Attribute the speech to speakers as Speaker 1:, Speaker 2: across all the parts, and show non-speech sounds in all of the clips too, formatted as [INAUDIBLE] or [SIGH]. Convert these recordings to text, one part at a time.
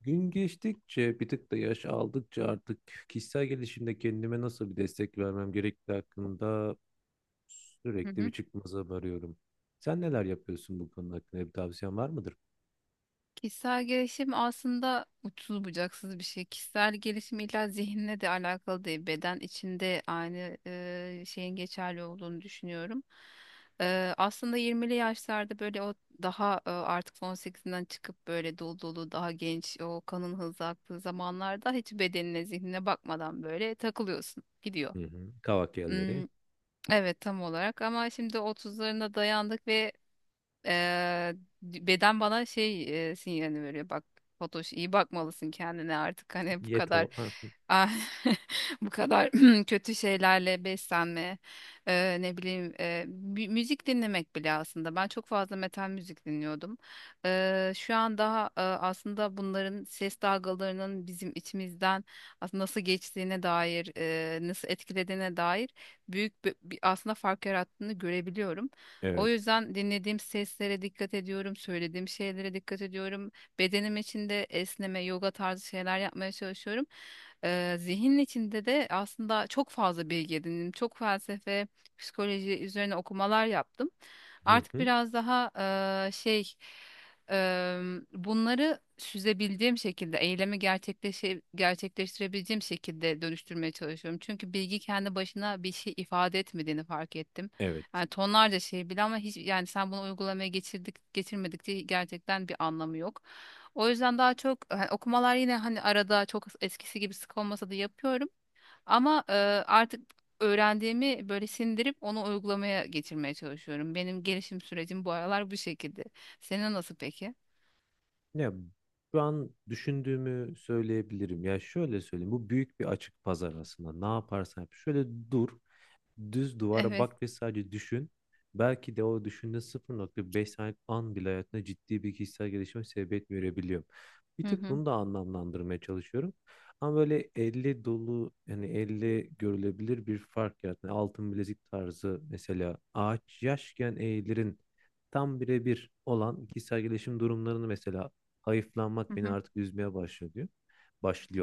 Speaker 1: Gün geçtikçe bir tık da yaş aldıkça artık kişisel gelişimde kendime nasıl bir destek vermem gerektiği hakkında
Speaker 2: Hı
Speaker 1: sürekli bir
Speaker 2: hı.
Speaker 1: çıkmaza varıyorum. Sen neler yapıyorsun, bu konu hakkında bir tavsiyen var mıdır?
Speaker 2: Kişisel gelişim aslında uçsuz bucaksız bir şey. Kişisel gelişim illa zihinle de alakalı değil. Beden içinde aynı şeyin geçerli olduğunu düşünüyorum. Aslında 20'li yaşlarda böyle o daha artık 18'inden çıkıp böyle dolu dolu daha genç o kanın hızlı aktığı zamanlarda hiç bedenine zihnine bakmadan böyle takılıyorsun. Gidiyor.
Speaker 1: Hı hı. Kavak yelleri.
Speaker 2: Hmm, evet tam olarak ama şimdi 30'larına dayandık ve Eee, beden bana sinyalini veriyor. Bak Fatoş, iyi bakmalısın kendine artık. Hani bu kadar
Speaker 1: Yeto. Hı.
Speaker 2: ah, [LAUGHS] bu kadar [CLEARS THROAT] kötü şeylerle beslenme, ne bileyim, müzik dinlemek bile. Aslında ben çok fazla metal müzik dinliyordum. Şu an daha aslında bunların ses dalgalarının bizim içimizden aslında nasıl geçtiğine dair, nasıl etkilediğine dair büyük bir aslında fark yarattığını görebiliyorum. O
Speaker 1: Evet.
Speaker 2: yüzden dinlediğim seslere dikkat ediyorum, söylediğim şeylere dikkat ediyorum. Bedenim içinde esneme, yoga tarzı şeyler yapmaya çalışıyorum. Zihnin içinde de aslında çok fazla bilgi edindim. Çok felsefe, psikoloji üzerine okumalar yaptım.
Speaker 1: Hı
Speaker 2: Artık
Speaker 1: hı.
Speaker 2: biraz daha eee, şey eee, bunları süzebildiğim şekilde, eylemi gerçekleştirebileceğim şekilde dönüştürmeye çalışıyorum. Çünkü bilgi kendi başına bir şey ifade etmediğini fark ettim.
Speaker 1: Evet.
Speaker 2: Yani tonlarca şey bile ama hiç, yani sen bunu uygulamaya geçirdik getirmedik diye gerçekten bir anlamı yok. O yüzden daha çok hani okumalar, yine hani arada çok eskisi gibi sık olmasa da yapıyorum. Ama artık öğrendiğimi böyle sindirip onu uygulamaya getirmeye çalışıyorum. Benim gelişim sürecim bu aralar bu şekilde. Senin nasıl peki?
Speaker 1: Ya, şu an düşündüğümü söyleyebilirim. Ya şöyle söyleyeyim. Bu büyük bir açık pazar aslında. Ne yaparsan yap. Şöyle dur. Düz duvara
Speaker 2: Evet.
Speaker 1: bak ve sadece düşün. Belki de o düşündüğün 0,5 saniye an bile hayatında ciddi bir kişisel gelişime sebebiyet verebiliyor. Bir
Speaker 2: Hı
Speaker 1: tık
Speaker 2: hı.
Speaker 1: bunu da anlamlandırmaya çalışıyorum. Ama böyle elle dolu, yani elle görülebilir bir fark yaratma. Altın bilezik tarzı, mesela ağaç yaşken eğilirin tam birebir olan kişisel gelişim durumlarını, mesela
Speaker 2: Hı
Speaker 1: hayıflanmak beni
Speaker 2: hı.
Speaker 1: artık üzmeye başlıyor diyor.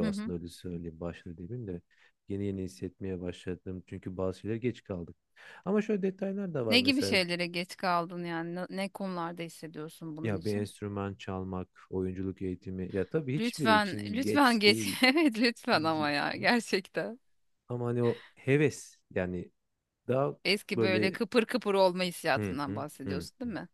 Speaker 2: Hı hı.
Speaker 1: aslında, öyle söyleyeyim, başlıyor demeyeyim de. Yeni yeni hissetmeye başladım. Çünkü bazı şeyler geç kaldık. Ama şöyle detaylar da var
Speaker 2: Ne gibi
Speaker 1: mesela.
Speaker 2: şeylere geç kaldın yani? Ne konularda hissediyorsun bunun
Speaker 1: Ya bir
Speaker 2: için?
Speaker 1: enstrüman çalmak, oyunculuk eğitimi. Ya tabii hiçbiri
Speaker 2: Lütfen,
Speaker 1: için
Speaker 2: lütfen
Speaker 1: geç
Speaker 2: geç.
Speaker 1: değil
Speaker 2: [LAUGHS] Evet, lütfen, ama ya
Speaker 1: diyecektim.
Speaker 2: gerçekten.
Speaker 1: Ama hani o heves yani, daha
Speaker 2: Eski böyle
Speaker 1: böyle
Speaker 2: kıpır kıpır olma
Speaker 1: hı
Speaker 2: hissiyatından
Speaker 1: hı hı
Speaker 2: bahsediyorsun,
Speaker 1: hı
Speaker 2: değil mi?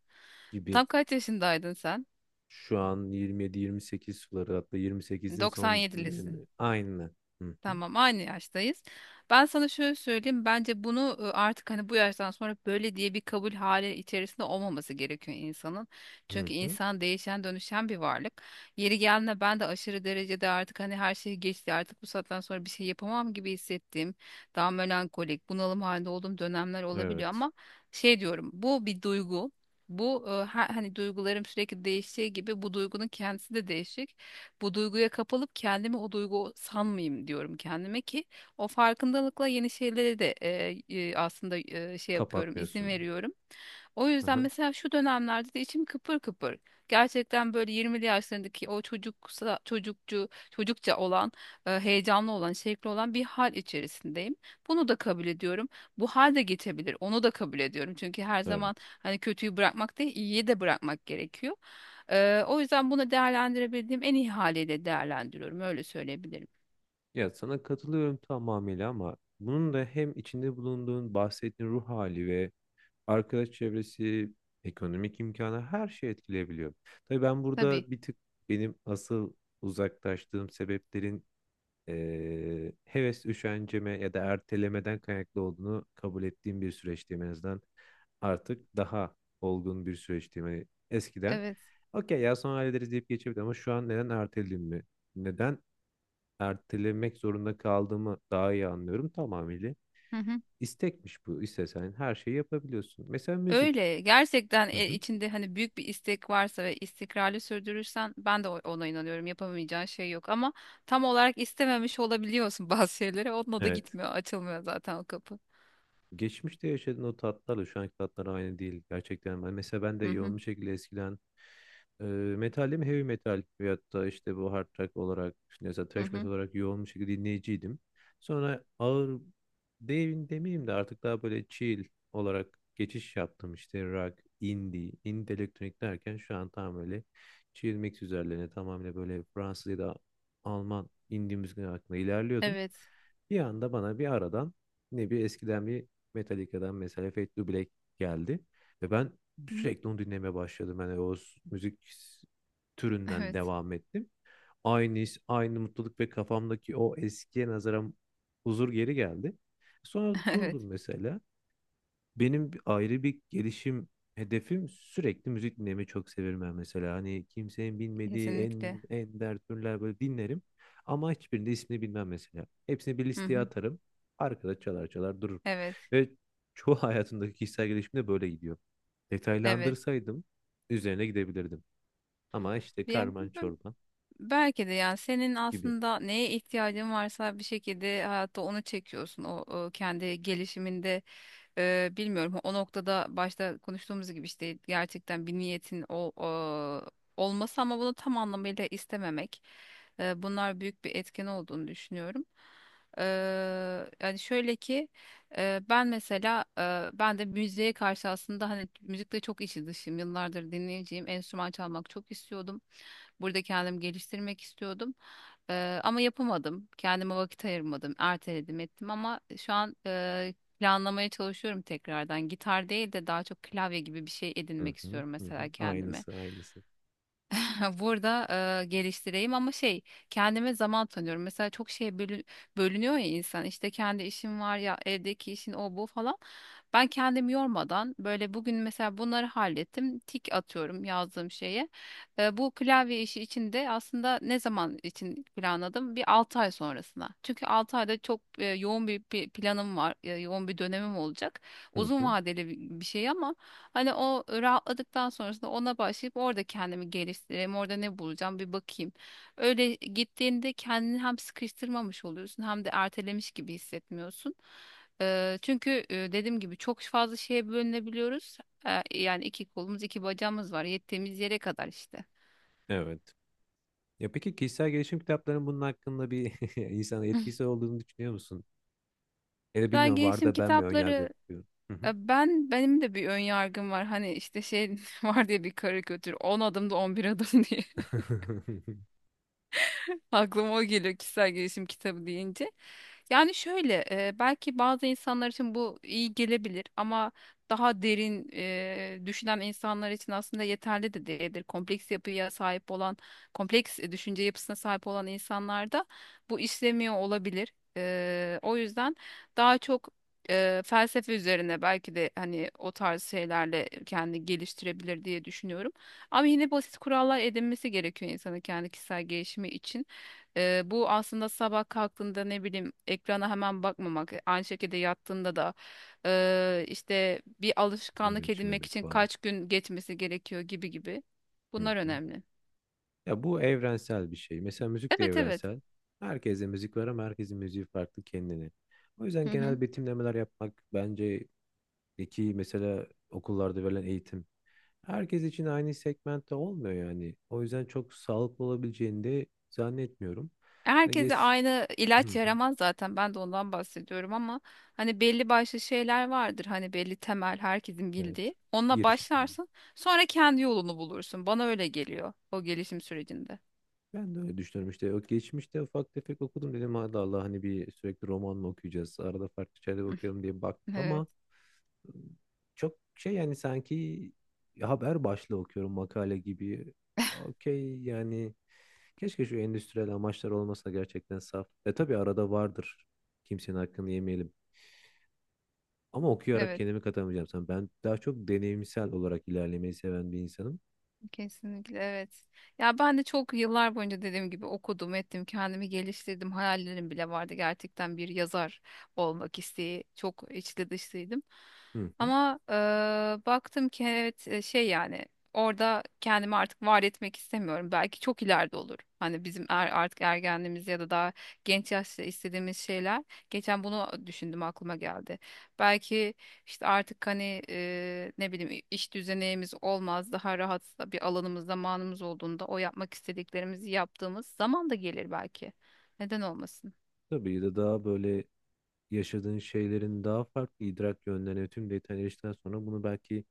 Speaker 1: gibi.
Speaker 2: Tam kaç yaşındaydın sen?
Speaker 1: Şu an 27-28 suları, hatta 28'in son
Speaker 2: 97'lisin.
Speaker 1: dönemi. Aynı. Hı hı
Speaker 2: Tamam, aynı yaştayız. Ben sana şöyle söyleyeyim. Bence bunu, artık hani bu yaştan sonra böyle diye bir kabul hali içerisinde olmaması gerekiyor insanın.
Speaker 1: hı
Speaker 2: Çünkü
Speaker 1: hı.
Speaker 2: insan değişen, dönüşen bir varlık. Yeri geldiğinde ben de aşırı derecede artık hani her şey geçti, artık bu saatten sonra bir şey yapamam gibi hissettiğim, daha melankolik, bunalım halinde olduğum dönemler olabiliyor,
Speaker 1: Evet.
Speaker 2: ama şey diyorum: bu bir duygu. Bu hani duygularım sürekli değiştiği gibi bu duygunun kendisi de değişik. Bu duyguya kapılıp kendimi o duygu sanmayayım diyorum kendime, ki o farkındalıkla yeni şeylere de aslında şey yapıyorum, izin
Speaker 1: Kapatmıyorsun.
Speaker 2: veriyorum. O
Speaker 1: Hı
Speaker 2: yüzden
Speaker 1: hı.
Speaker 2: mesela şu dönemlerde de içim kıpır kıpır. Gerçekten böyle 20'li yaşlarındaki o çocukça olan, heyecanlı olan, şevkli olan bir hal içerisindeyim. Bunu da kabul ediyorum. Bu hal de geçebilir. Onu da kabul ediyorum. Çünkü her zaman
Speaker 1: Evet.
Speaker 2: hani kötüyü bırakmak değil, iyiyi de bırakmak gerekiyor. O yüzden bunu değerlendirebildiğim en iyi haliyle değerlendiriyorum. Öyle söyleyebilirim.
Speaker 1: Ya, sana katılıyorum tamamıyla, ama bunun da hem içinde bulunduğun bahsettiğin ruh hali ve arkadaş çevresi, ekonomik imkanı, her şey etkileyebiliyor. Tabii ben
Speaker 2: Tabii.
Speaker 1: burada bir tık benim asıl uzaklaştığım sebeplerin heves üşenceme ya da ertelemeden kaynaklı olduğunu kabul ettiğim bir süreçteyim en azından. Artık daha olgun bir süreçteyim. Hani eskiden
Speaker 2: Evet.
Speaker 1: okey ya, sonra hallederiz deyip geçebilirdim ama şu an neden ertelediğimi, neden ertelemek zorunda kaldığımı daha iyi anlıyorum tamamıyla.
Speaker 2: Hı hı.
Speaker 1: İstekmiş bu. İstesen her şeyi yapabiliyorsun. Mesela müzik.
Speaker 2: Öyle. Gerçekten
Speaker 1: Hı hı.
Speaker 2: içinde hani büyük bir istek varsa ve istikrarlı sürdürürsen, ben de ona inanıyorum. Yapamayacağın şey yok, ama tam olarak istememiş olabiliyorsun [LAUGHS] bazı şeyleri. Onunla da
Speaker 1: Evet.
Speaker 2: gitmiyor, açılmıyor zaten o kapı.
Speaker 1: Geçmişte yaşadığın o tatlarla şu anki tatlar aynı değil gerçekten. Ben, mesela ben de
Speaker 2: Hı hı.
Speaker 1: yoğun bir şekilde eskiden metalim, heavy metal veyahut da işte bu hard rock olarak, işte mesela
Speaker 2: Hı
Speaker 1: thrash metal
Speaker 2: hı.
Speaker 1: olarak yoğun bir şekilde dinleyiciydim. Sonra ağır değil demeyeyim de, artık daha böyle chill olarak geçiş yaptım, işte rock, indie, indie elektronik derken şu an tam böyle chill mix üzerlerine, tamamıyla böyle Fransız ya da Alman indie müzik hakkında ilerliyordum.
Speaker 2: Evet.
Speaker 1: Bir anda bana bir aradan ne bir eskiden bir Metallica'dan mesela Fade to Black geldi. Ve ben
Speaker 2: Hı.
Speaker 1: sürekli onu dinlemeye başladım. Yani o müzik türünden
Speaker 2: Evet.
Speaker 1: devam ettim. Aynı his, aynı mutluluk ve kafamdaki o eskiye nazaran huzur geri geldi. Sonra
Speaker 2: [LAUGHS] Evet.
Speaker 1: durdum mesela. Benim ayrı bir gelişim hedefim, sürekli müzik dinlemeyi çok severim ben mesela. Hani kimsenin bilmediği
Speaker 2: Kesinlikle.
Speaker 1: en ender türler böyle dinlerim. Ama hiçbirinde ismini bilmem mesela. Hepsini bir
Speaker 2: Hı
Speaker 1: listeye
Speaker 2: hı.
Speaker 1: atarım. Arkada çalar çalar durur.
Speaker 2: Evet.
Speaker 1: Ve çoğu [LAUGHS] hayatımdaki kişisel gelişimde böyle gidiyor.
Speaker 2: Evet.
Speaker 1: Detaylandırsaydım üzerine gidebilirdim. Ama işte
Speaker 2: Diye
Speaker 1: karman çorba
Speaker 2: Belki de, yani, senin
Speaker 1: gibi.
Speaker 2: aslında neye ihtiyacın varsa bir şekilde hayatta onu çekiyorsun. O, kendi gelişiminde bilmiyorum, o noktada başta konuştuğumuz gibi işte gerçekten bir niyetin e, olması ama bunu tam anlamıyla istememek. Bunlar büyük bir etken olduğunu düşünüyorum. E, Yani şöyle ki, ben mesela, ben de müziğe karşı aslında hani müzikle çok içi dışım. Yıllardır dinleyeceğim, enstrüman çalmak çok istiyordum. Burada kendimi geliştirmek istiyordum. Ama yapamadım. Kendime vakit ayırmadım. Erteledim ettim ama şu an planlamaya çalışıyorum tekrardan. Gitar değil de daha çok klavye gibi bir şey
Speaker 1: Hı
Speaker 2: edinmek
Speaker 1: hı,
Speaker 2: istiyorum
Speaker 1: hı
Speaker 2: mesela
Speaker 1: hı.
Speaker 2: kendime.
Speaker 1: Aynısı aynısı.
Speaker 2: [LAUGHS] Burada geliştireyim, ama şey, kendime zaman tanıyorum. Mesela çok şeye bölünüyor ya insan. İşte kendi işim var, ya evdeki işin, o bu falan. Ben kendimi yormadan böyle bugün mesela bunları hallettim, tik atıyorum yazdığım şeye. Bu klavye işi için de aslında ne zaman için planladım? Bir 6 ay sonrasına. Çünkü 6 ayda çok yoğun bir planım var, yoğun bir dönemim olacak.
Speaker 1: Hı
Speaker 2: Uzun
Speaker 1: hı.
Speaker 2: vadeli bir şey ama hani o rahatladıktan sonrasında ona başlayıp orada kendimi geliştireyim, orada ne bulacağım bir bakayım. Öyle gittiğinde kendini hem sıkıştırmamış oluyorsun hem de ertelemiş gibi hissetmiyorsun. Çünkü dediğim gibi çok fazla şeye bölünebiliyoruz. Yani iki kolumuz iki bacağımız var, yettiğimiz yere kadar işte.
Speaker 1: Evet. Ya peki, kişisel gelişim kitaplarının bunun hakkında bir [LAUGHS] insana etkisi
Speaker 2: [LAUGHS]
Speaker 1: olduğunu düşünüyor musun? Ya da
Speaker 2: Ben
Speaker 1: bilmiyorum, var
Speaker 2: gelişim
Speaker 1: da ben mi önyargılı
Speaker 2: kitapları,
Speaker 1: bakıyorum. Hı hı.
Speaker 2: benim de bir ön yargım var. Hani işte şey [LAUGHS] var diye, bir karikatür: 10 adımda 11 adım [LAUGHS] diye.
Speaker 1: [LAUGHS]
Speaker 2: Aklıma o geliyor kişisel gelişim kitabı deyince. Yani şöyle, belki bazı insanlar için bu iyi gelebilir, ama daha derin düşünen insanlar için aslında yeterli de değildir. Kompleks yapıya sahip olan, kompleks düşünce yapısına sahip olan insanlarda bu işlemiyor olabilir. O yüzden daha çok felsefe üzerine, belki de hani o tarz şeylerle kendini geliştirebilir diye düşünüyorum. Ama yine basit kurallar edinmesi gerekiyor insanın kendi kişisel gelişimi için. Bu aslında sabah kalktığında ne bileyim, ekrana hemen bakmamak, aynı şekilde yattığında da işte bir
Speaker 1: Sigara
Speaker 2: alışkanlık edinmek
Speaker 1: içmemek
Speaker 2: için
Speaker 1: falan.
Speaker 2: kaç gün geçmesi gerekiyor gibi gibi.
Speaker 1: Hı
Speaker 2: Bunlar
Speaker 1: hı.
Speaker 2: önemli.
Speaker 1: Ya, bu evrensel bir şey. Mesela müzik de
Speaker 2: Evet, evet.
Speaker 1: evrensel. Herkese müzik var, ama herkesin müziği farklı kendine. O yüzden
Speaker 2: Hı hı.
Speaker 1: genel betimlemeler yapmak bence, ki mesela okullarda verilen eğitim. Herkes için aynı segmentte olmuyor yani. O yüzden çok sağlıklı olabileceğini de zannetmiyorum. Yani geç...
Speaker 2: Herkese aynı
Speaker 1: Hı
Speaker 2: ilaç
Speaker 1: hı.
Speaker 2: yaramaz zaten. Ben de ondan bahsediyorum, ama hani belli başlı şeyler vardır. Hani belli temel, herkesin
Speaker 1: Evet.
Speaker 2: bildiği. Onunla
Speaker 1: Giriş.
Speaker 2: başlarsın. Sonra kendi yolunu bulursun. Bana öyle geliyor o gelişim sürecinde.
Speaker 1: Ben de öyle düşünüyorum işte. O geçmişte ufak tefek okudum, dedim hadi Allah, hani bir sürekli roman mı okuyacağız? Arada farklı şeyler
Speaker 2: [LAUGHS]
Speaker 1: okuyalım diye baktım
Speaker 2: Evet,
Speaker 1: ama ıı, çok şey, yani sanki haber başlığı okuyorum, makale gibi. Okey yani, keşke şu endüstriyel amaçlar olmasa, gerçekten saf. E tabii arada vardır. Kimsenin hakkını yemeyelim. Ama okuyarak
Speaker 2: evet.
Speaker 1: kendimi katamayacağım sana. Ben daha çok deneyimsel olarak ilerlemeyi seven bir insanım.
Speaker 2: Kesinlikle evet. Ya ben de çok yıllar boyunca dediğim gibi okudum, ettim, kendimi geliştirdim. Hayallerim bile vardı, gerçekten bir yazar olmak isteği. Çok içli dışlıydım.
Speaker 1: Hı hı.
Speaker 2: Ama baktım ki evet, yani orada kendimi artık var etmek istemiyorum. Belki çok ileride olur. Hani bizim artık ergenliğimiz ya da daha genç yaşta istediğimiz şeyler. Geçen bunu düşündüm, aklıma geldi. Belki işte artık hani ne bileyim iş düzenimiz olmaz, daha rahat bir alanımız, zamanımız olduğunda o yapmak istediklerimizi yaptığımız zaman da gelir belki. Neden olmasın?
Speaker 1: Tabii de, daha böyle yaşadığın şeylerin daha farklı idrak yönlerine, tüm detayları eriştikten sonra bunu belki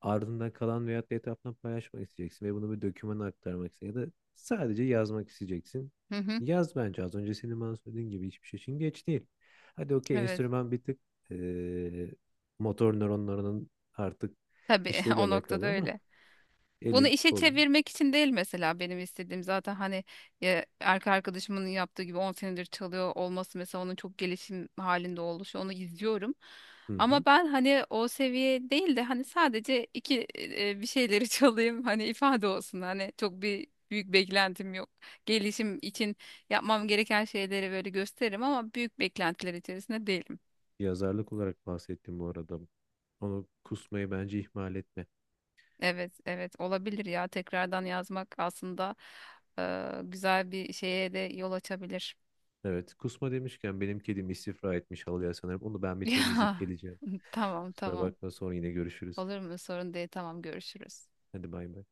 Speaker 1: ardından kalan veyahut da etrafına paylaşmak isteyeceksin ve bunu bir dokümana aktarmak isteyeceksin ya da sadece yazmak isteyeceksin.
Speaker 2: Hı hı,
Speaker 1: Yaz, bence az önce senin bana söylediğin gibi, hiçbir şey için geç değil. Hadi okey,
Speaker 2: evet,
Speaker 1: enstrüman bir tık eee, motor nöronlarının artık
Speaker 2: tabii [LAUGHS]
Speaker 1: işlevle
Speaker 2: o
Speaker 1: alakalı,
Speaker 2: noktada
Speaker 1: ama
Speaker 2: öyle. Bunu
Speaker 1: elin
Speaker 2: işe
Speaker 1: kolun.
Speaker 2: çevirmek için değil mesela benim istediğim. Zaten hani, ya, erkek arkadaşımın yaptığı gibi 10 senedir çalıyor olması mesela, onun çok gelişim halinde oluşu; onu izliyorum.
Speaker 1: Hı hı.
Speaker 2: Ama ben hani o seviye değil de hani sadece iki bir şeyleri [LAUGHS] çalayım, hani ifade olsun, hani çok bir büyük beklentim yok. Gelişim için yapmam gereken şeyleri böyle gösteririm, ama büyük beklentiler içerisinde değilim.
Speaker 1: Yazarlık olarak bahsettim bu arada. Onu kusmayı bence ihmal etme.
Speaker 2: Evet, evet, olabilir ya. Tekrardan yazmak aslında güzel bir şeye de yol açabilir.
Speaker 1: Evet, kusma demişken benim kedim istifra etmiş halıya sanırım. Onu ben bir temizleyip
Speaker 2: [LAUGHS] Ya,
Speaker 1: geleceğim.
Speaker 2: tamam,
Speaker 1: Kusura
Speaker 2: tamam.
Speaker 1: bakma, sonra yine görüşürüz.
Speaker 2: Olur mu? Sorun değil. Tamam, görüşürüz.
Speaker 1: Hadi bay bay.